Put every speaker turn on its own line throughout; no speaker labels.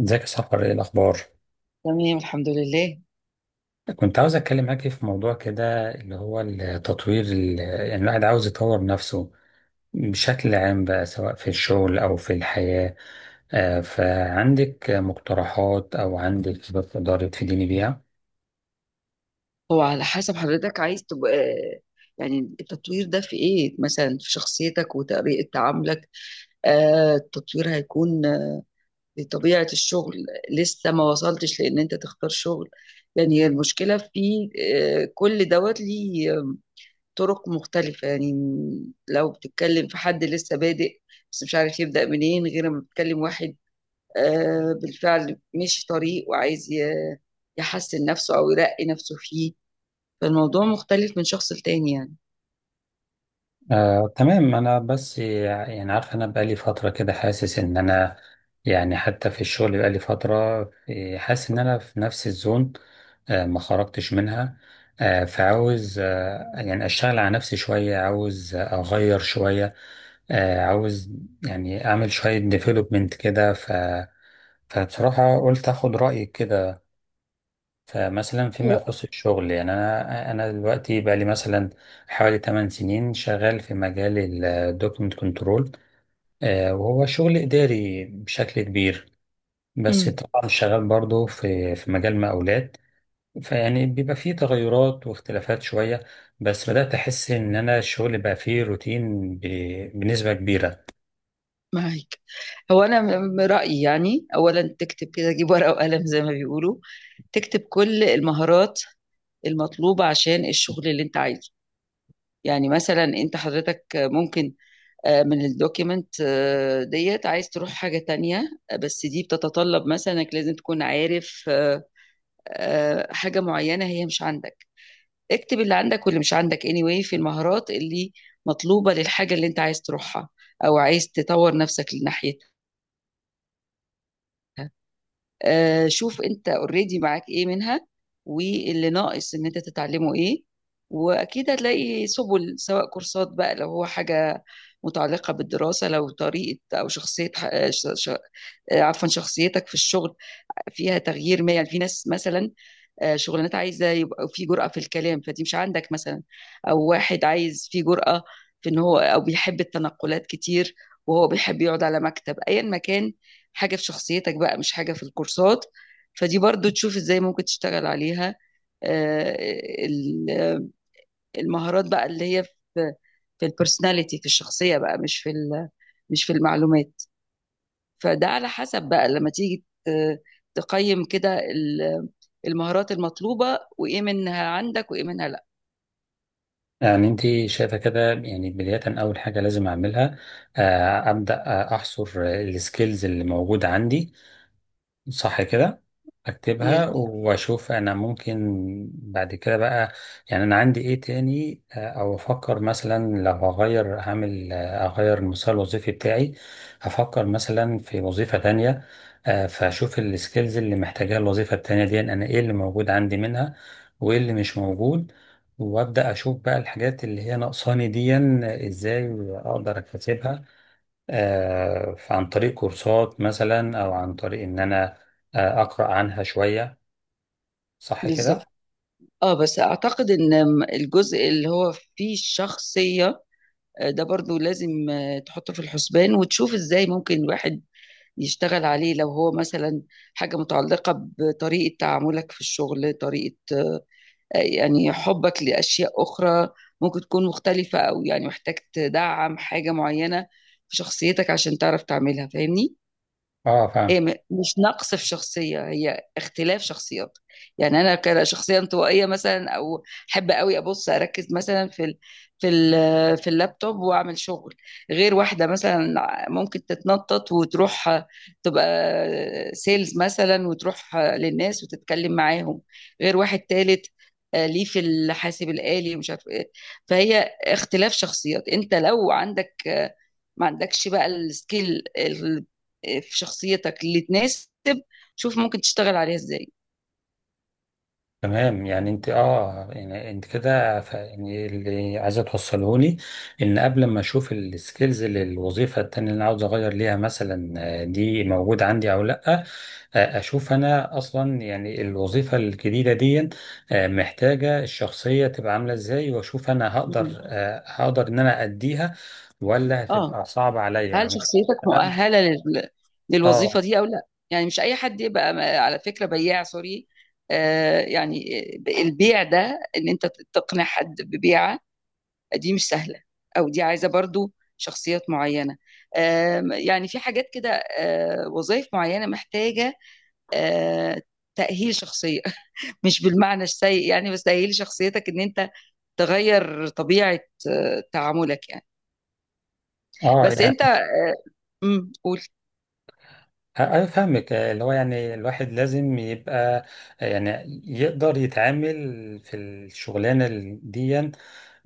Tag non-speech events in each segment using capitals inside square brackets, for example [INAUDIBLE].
ازيك يا سحر، ايه الاخبار؟
تمام. الحمد لله.
كنت عاوز اتكلم معاكي في موضوع كده، اللي هو التطوير يعني الواحد عاوز يطور نفسه بشكل عام بقى، سواء في الشغل او في الحياة. فعندك مقترحات او عندك خبرات تقدري تفيديني بيها؟
هو على حسب حضرتك عايز تبقى، يعني التطوير ده في ايه، مثلا في شخصيتك وطريقة تعاملك. التطوير هيكون في طبيعة الشغل. لسه ما وصلتش لان انت تختار شغل، يعني هي المشكلة في كل دوت ليه طرق مختلفة يعني. لو بتتكلم في حد لسه بادئ بس مش عارف يبدأ منين، غير ما بتتكلم واحد بالفعل مش طريق، وعايز يحسن نفسه او يرقي نفسه فيه. فالموضوع مختلف من شخص لتاني يعني.
آه، تمام. انا بس يعني عارف انا بقالي فتره كده حاسس ان انا يعني حتى في الشغل بقالي فتره حاسس ان انا في نفس الزون، ما خرجتش منها. فعاوز، يعني اشتغل على نفسي شويه، عاوز اغير شويه. عاوز يعني اعمل شويه ديفلوبمنت كده. فبصراحه قلت اخد رايك كده. فمثلا فيما
أه،
يخص الشغل، يعني انا دلوقتي بقى لي مثلا حوالي 8 سنين شغال في مجال الدوكيمنت كنترول، وهو شغل اداري بشكل كبير، بس
امم
طبعا شغال برضه في مجال مقاولات. فيعني بيبقى فيه تغيرات واختلافات شوية، بس بدأت أحس إن أنا الشغل بقى فيه روتين بنسبة كبيرة.
معاك. هو انا رأيي، يعني اولا تكتب كده، جيب ورقة وقلم زي ما بيقولوا. تكتب كل المهارات المطلوبة عشان الشغل اللي انت عايزه. يعني مثلا انت حضرتك ممكن من الدوكيمنت ديت عايز تروح حاجة تانية، بس دي بتتطلب مثلا انك لازم تكون عارف حاجة معينة هي مش عندك. اكتب اللي عندك واللي مش عندك anyway، في المهارات اللي مطلوبة للحاجة اللي انت عايز تروحها، او عايز تطور نفسك لناحيتها. شوف انت اوريدي معاك ايه منها، واللي ناقص ان انت تتعلمه ايه. واكيد هتلاقي سبل، سواء كورسات بقى لو هو حاجة متعلقة بالدراسة، لو طريقة أو شخصية، عفوا شخصيتك في الشغل فيها تغيير ما، يعني في ناس مثلا، شغلانات عايزه يبقى في جرأه في الكلام، فدي مش عندك مثلا. او واحد عايز في جرأه في ان هو، او بيحب التنقلات كتير، وهو بيحب يقعد على مكتب ايا ما كان. حاجه في شخصيتك بقى مش حاجه في الكورسات، فدي برضو تشوف ازاي ممكن تشتغل عليها. آه، ال- آه، المهارات بقى اللي هي في البرسوناليتي في الشخصيه بقى، مش في المعلومات. فده على حسب بقى، لما تيجي تقيم كده المهارات المطلوبة وإيه منها عندك وإيه منها لأ.
يعني أنت شايفة كده يعني بداية أول حاجة لازم أعملها، أبدأ أحصر السكيلز اللي موجودة عندي، صح كده؟
yeah.
اكتبها واشوف انا ممكن بعد كده بقى يعني انا عندي ايه تاني، او افكر مثلا لو هغير هعمل، اغير المسار الوظيفي بتاعي، هفكر مثلا في وظيفة تانية. فاشوف السكيلز اللي محتاجاها الوظيفة التانية دي، انا ايه اللي موجود عندي منها وايه اللي مش موجود، وابدا اشوف بقى الحاجات اللي هي ناقصاني دي ازاي اقدر اكتسبها. عن طريق كورسات مثلا، او عن طريق ان انا اقرا عنها شويه، صح كده؟
بالظبط. اه، بس اعتقد ان الجزء اللي هو فيه الشخصية ده برضو لازم تحطه في الحسبان، وتشوف ازاي ممكن الواحد يشتغل عليه، لو هو مثلا حاجة متعلقة بطريقة تعاملك في الشغل، طريقة يعني حبك لأشياء أخرى ممكن تكون مختلفة، أو يعني محتاج تدعم حاجة معينة في شخصيتك عشان تعرف تعملها، فاهمني؟
اه
هي مش نقص في شخصية، هي اختلاف شخصيات. يعني أنا كشخصية انطوائية مثلا، أو أحب قوي أبص أركز مثلا في اللابتوب وأعمل شغل. غير واحدة مثلا ممكن تتنطط وتروح، تبقى سيلز مثلا وتروح للناس وتتكلم معاهم. غير واحد تالت، ليه في الحاسب الآلي مش عارف إيه. فهي اختلاف شخصيات، أنت لو عندك ما عندكش بقى السكيل في شخصيتك اللي تناسب، شوف ممكن تشتغل عليها ازاي.
تمام. يعني انت اه يعني انت كده يعني اللي عايزه توصله لي، ان قبل ما اشوف السكيلز للوظيفه التانيه اللي انا عاوز اغير ليها مثلا دي موجوده عندي او لا، اشوف انا اصلا يعني الوظيفه الجديده دي محتاجه الشخصيه تبقى عامله ازاي، واشوف انا هقدر،
مم.
هقدر ان انا اديها ولا
اه،
هتبقى صعبه عليا
هل
يعني ممكن
شخصيتك
مثلا.
مؤهلة
اه،
للوظيفة دي او لا؟ يعني مش اي حد يبقى على فكرة بياع، سوري. يعني البيع ده ان انت تقنع حد ببيعة، دي مش سهلة، او دي عايزة برضو شخصيات معينة. يعني في حاجات كده، وظائف معينة محتاجة آه تأهيل شخصية. [LAUGHS] مش بالمعنى السيء، يعني بس تأهيل شخصيتك ان انت تغير طبيعة تعاملك يعني.
اه.
بس انت،
يعني
قول.
أنا فاهمك، اللي هو يعني الواحد لازم يبقى، يعني يقدر يتعامل في الشغلانة دي.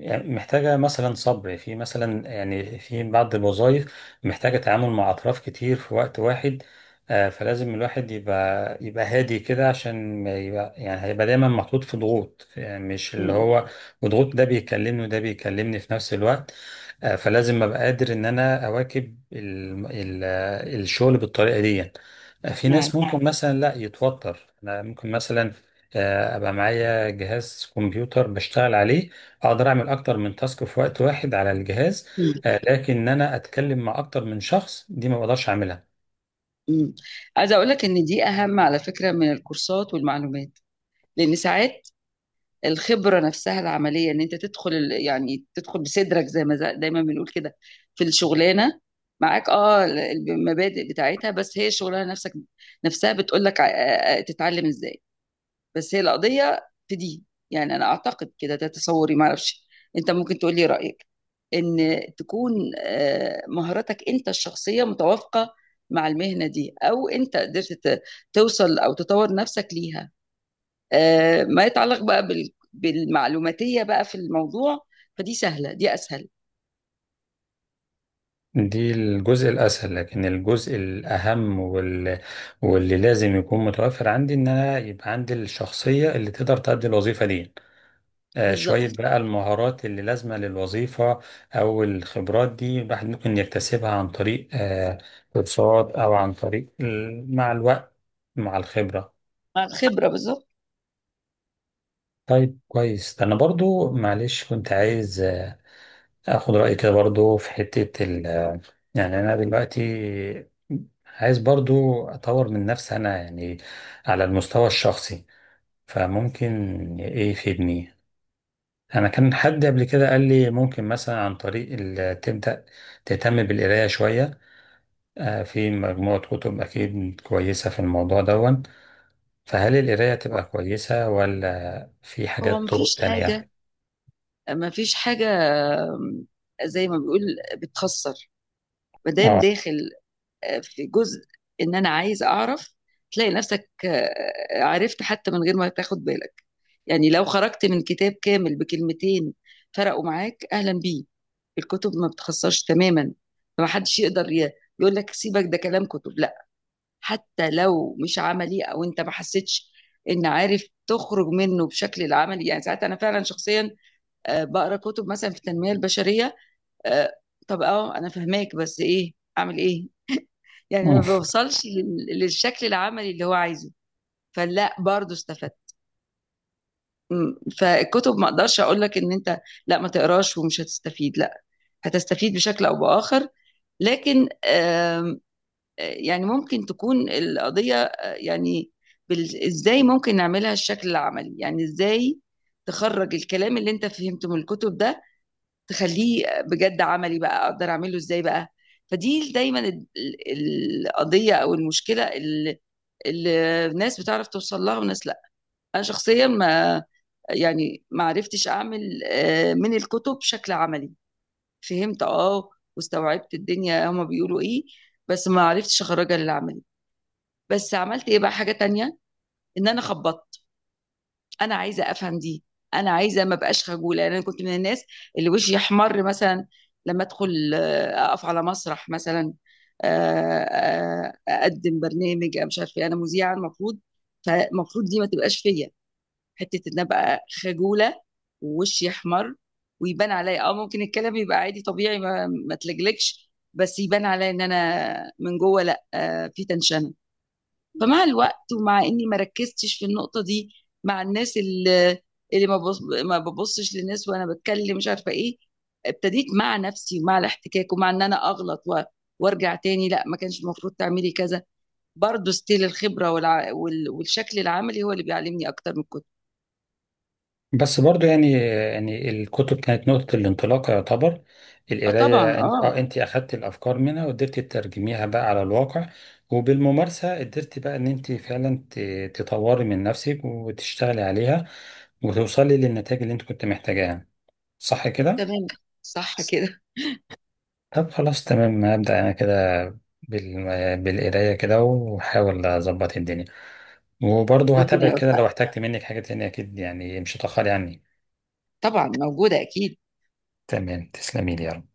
يعني محتاجة مثلا صبر في مثلا، يعني في بعض الوظائف محتاجة تعامل مع أطراف كتير في وقت واحد. فلازم الواحد يبقى هادي كده، عشان ما يبقى يعني هيبقى دايما محطوط في ضغوط، يعني مش اللي
امم
هو وضغوط ده بيكلمني وده بيكلمني في نفس الوقت. فلازم ابقى قادر ان انا اواكب ال الشغل بالطريقه دي. في ناس
معاك.
ممكن مثلا لا يتوتر، انا ممكن مثلا ابقى معايا جهاز كمبيوتر بشتغل عليه، اقدر اعمل اكتر من تاسك في وقت واحد على الجهاز،
امم
لكن ان انا اتكلم مع اكتر من شخص دي ما بقدرش اعملها.
امم عايزة اقول لك ان دي اهم، على فكرة، من الكورسات والمعلومات. لان ساعات الخبرة نفسها العملية، ان انت يعني تدخل بصدرك زي ما دايما بنقول كده، في الشغلانة. معاك، اه، المبادئ بتاعتها، بس هي الشغلانة نفسها بتقول لك تتعلم ازاي. بس هي القضية في دي، يعني أنا أعتقد كده، ده تصوري، معرفش، أنت ممكن تقول لي رأيك، إن تكون مهاراتك أنت الشخصية متوافقة مع المهنة دي، أو أنت قدرت توصل أو تطور نفسك ليها. ما يتعلق بقى بالمعلوماتية بقى في الموضوع، فدي سهلة، دي أسهل.
دي الجزء الاسهل، لكن الجزء الاهم واللي لازم يكون متوفر عندي ان انا يبقى عندي الشخصيه اللي تقدر تؤدي الوظيفه دي. شوية
بالظبط.
بقى المهارات اللي لازمة للوظيفة أو الخبرات دي، الواحد ممكن يكتسبها عن طريق كورسات، أو عن طريق مع الوقت، مع الخبرة.
مع الخبرة، بالظبط.
طيب، كويس. ده أنا برضو معلش كنت عايز أخد رأيك كده برضو في حتة ال، يعني أنا دلوقتي عايز برضو أطور من نفسي أنا يعني على المستوى الشخصي. فممكن إيه يفيدني؟ أنا كان حد قبل كده قال لي ممكن مثلا عن طريق تبدأ تهتم بالقراية شوية. في مجموعة كتب أكيد كويسة في الموضوع دون، فهل القراية تبقى كويسة ولا في
هو
حاجات طرق
مفيش حاجة
تانية؟
مفيش حاجة آم، زي ما بيقول بتخسر ما دام
آه،
داخل في جزء، ان انا عايز اعرف. تلاقي نفسك عرفت حتى من غير ما تاخد بالك. يعني لو خرجت من كتاب كامل بكلمتين فرقوا معاك، اهلا بيه. الكتب ما بتخسرش تماما، ما حدش يقدر يقول لك سيبك ده كلام كتب، لا. حتى لو مش عملي او انت ما حسيتش ان عارف تخرج منه بشكل العملي، يعني ساعات انا فعلا شخصيا بقرا كتب مثلا في التنميه البشريه. آه، طب اه انا فهماك، بس ايه اعمل ايه؟ يعني ما بيوصلش للشكل العملي اللي هو عايزه، فلا، برضه استفدت. فالكتب ما اقدرش اقول لك ان انت لا ما تقراش ومش هتستفيد، لا هتستفيد بشكل او باخر. لكن آم، آه، يعني ممكن تكون القضية يعني ازاي ممكن نعملها الشكل العملي، يعني ازاي تخرج الكلام اللي انت فهمته من الكتب ده، تخليه بجد عملي بقى، اقدر اعمله ازاي بقى. فدي دايما القضية او المشكلة، الناس بتعرف توصل لها وناس لا. انا شخصيا ما يعني ما عرفتش اعمل من الكتب شكل عملي. فهمت، اه، واستوعبت الدنيا هما بيقولوا ايه، بس ما عرفتش اخرجها للعملي. بس عملت ايه بقى؟ حاجه تانية، ان انا خبطت. انا عايزه افهم دي، انا عايزه ما بقاش خجوله، يعني انا كنت من الناس اللي وشي يحمر مثلا لما ادخل، اقف على مسرح مثلا، آه، اقدم برنامج مش عارفه إيه. انا مذيعه المفروض، فالمفروض دي ما تبقاش فيا، حته ان ابقى خجوله ووشي احمر، ويبان عليا اه ممكن الكلام يبقى عادي طبيعي ما تلجلكش، بس يبان عليا ان انا من جوه لا في تنشنه. فمع الوقت ومع اني ما ركزتش في النقطه دي، مع الناس اللي ما ببصش للناس وانا بتكلم مش عارفه ايه، ابتديت مع نفسي ومع الاحتكاك ومع ان انا اغلط وارجع تاني، لا ما كانش المفروض تعملي كذا. برضه ستيل الخبره والشكل العملي هو اللي بيعلمني اكتر من الكتب.
بس برضو يعني، يعني الكتب كانت نقطة الانطلاق يعتبر.
اه، طبعا،
القراية انت
اه.
اه انت اخدت الافكار منها وقدرتي تترجميها بقى على الواقع، وبالممارسة قدرتي بقى ان انت فعلا تطوري من نفسك وتشتغلي عليها وتوصلي للنتائج اللي انت كنت محتاجاها يعني. صح كده؟
تمام، صح كده،
طب خلاص تمام، هبدأ أنا كده بال... بالقراية كده وأحاول أظبط الدنيا.
[LAUGHS]
وبرضه
ربنا
هتابعك كده،
يوفقك،
لو احتجت منك حاجة تانية أكيد يعني مش هتأخري عني.
طبعًا موجودة أكيد.
تمام، تسلمي لي يا رب.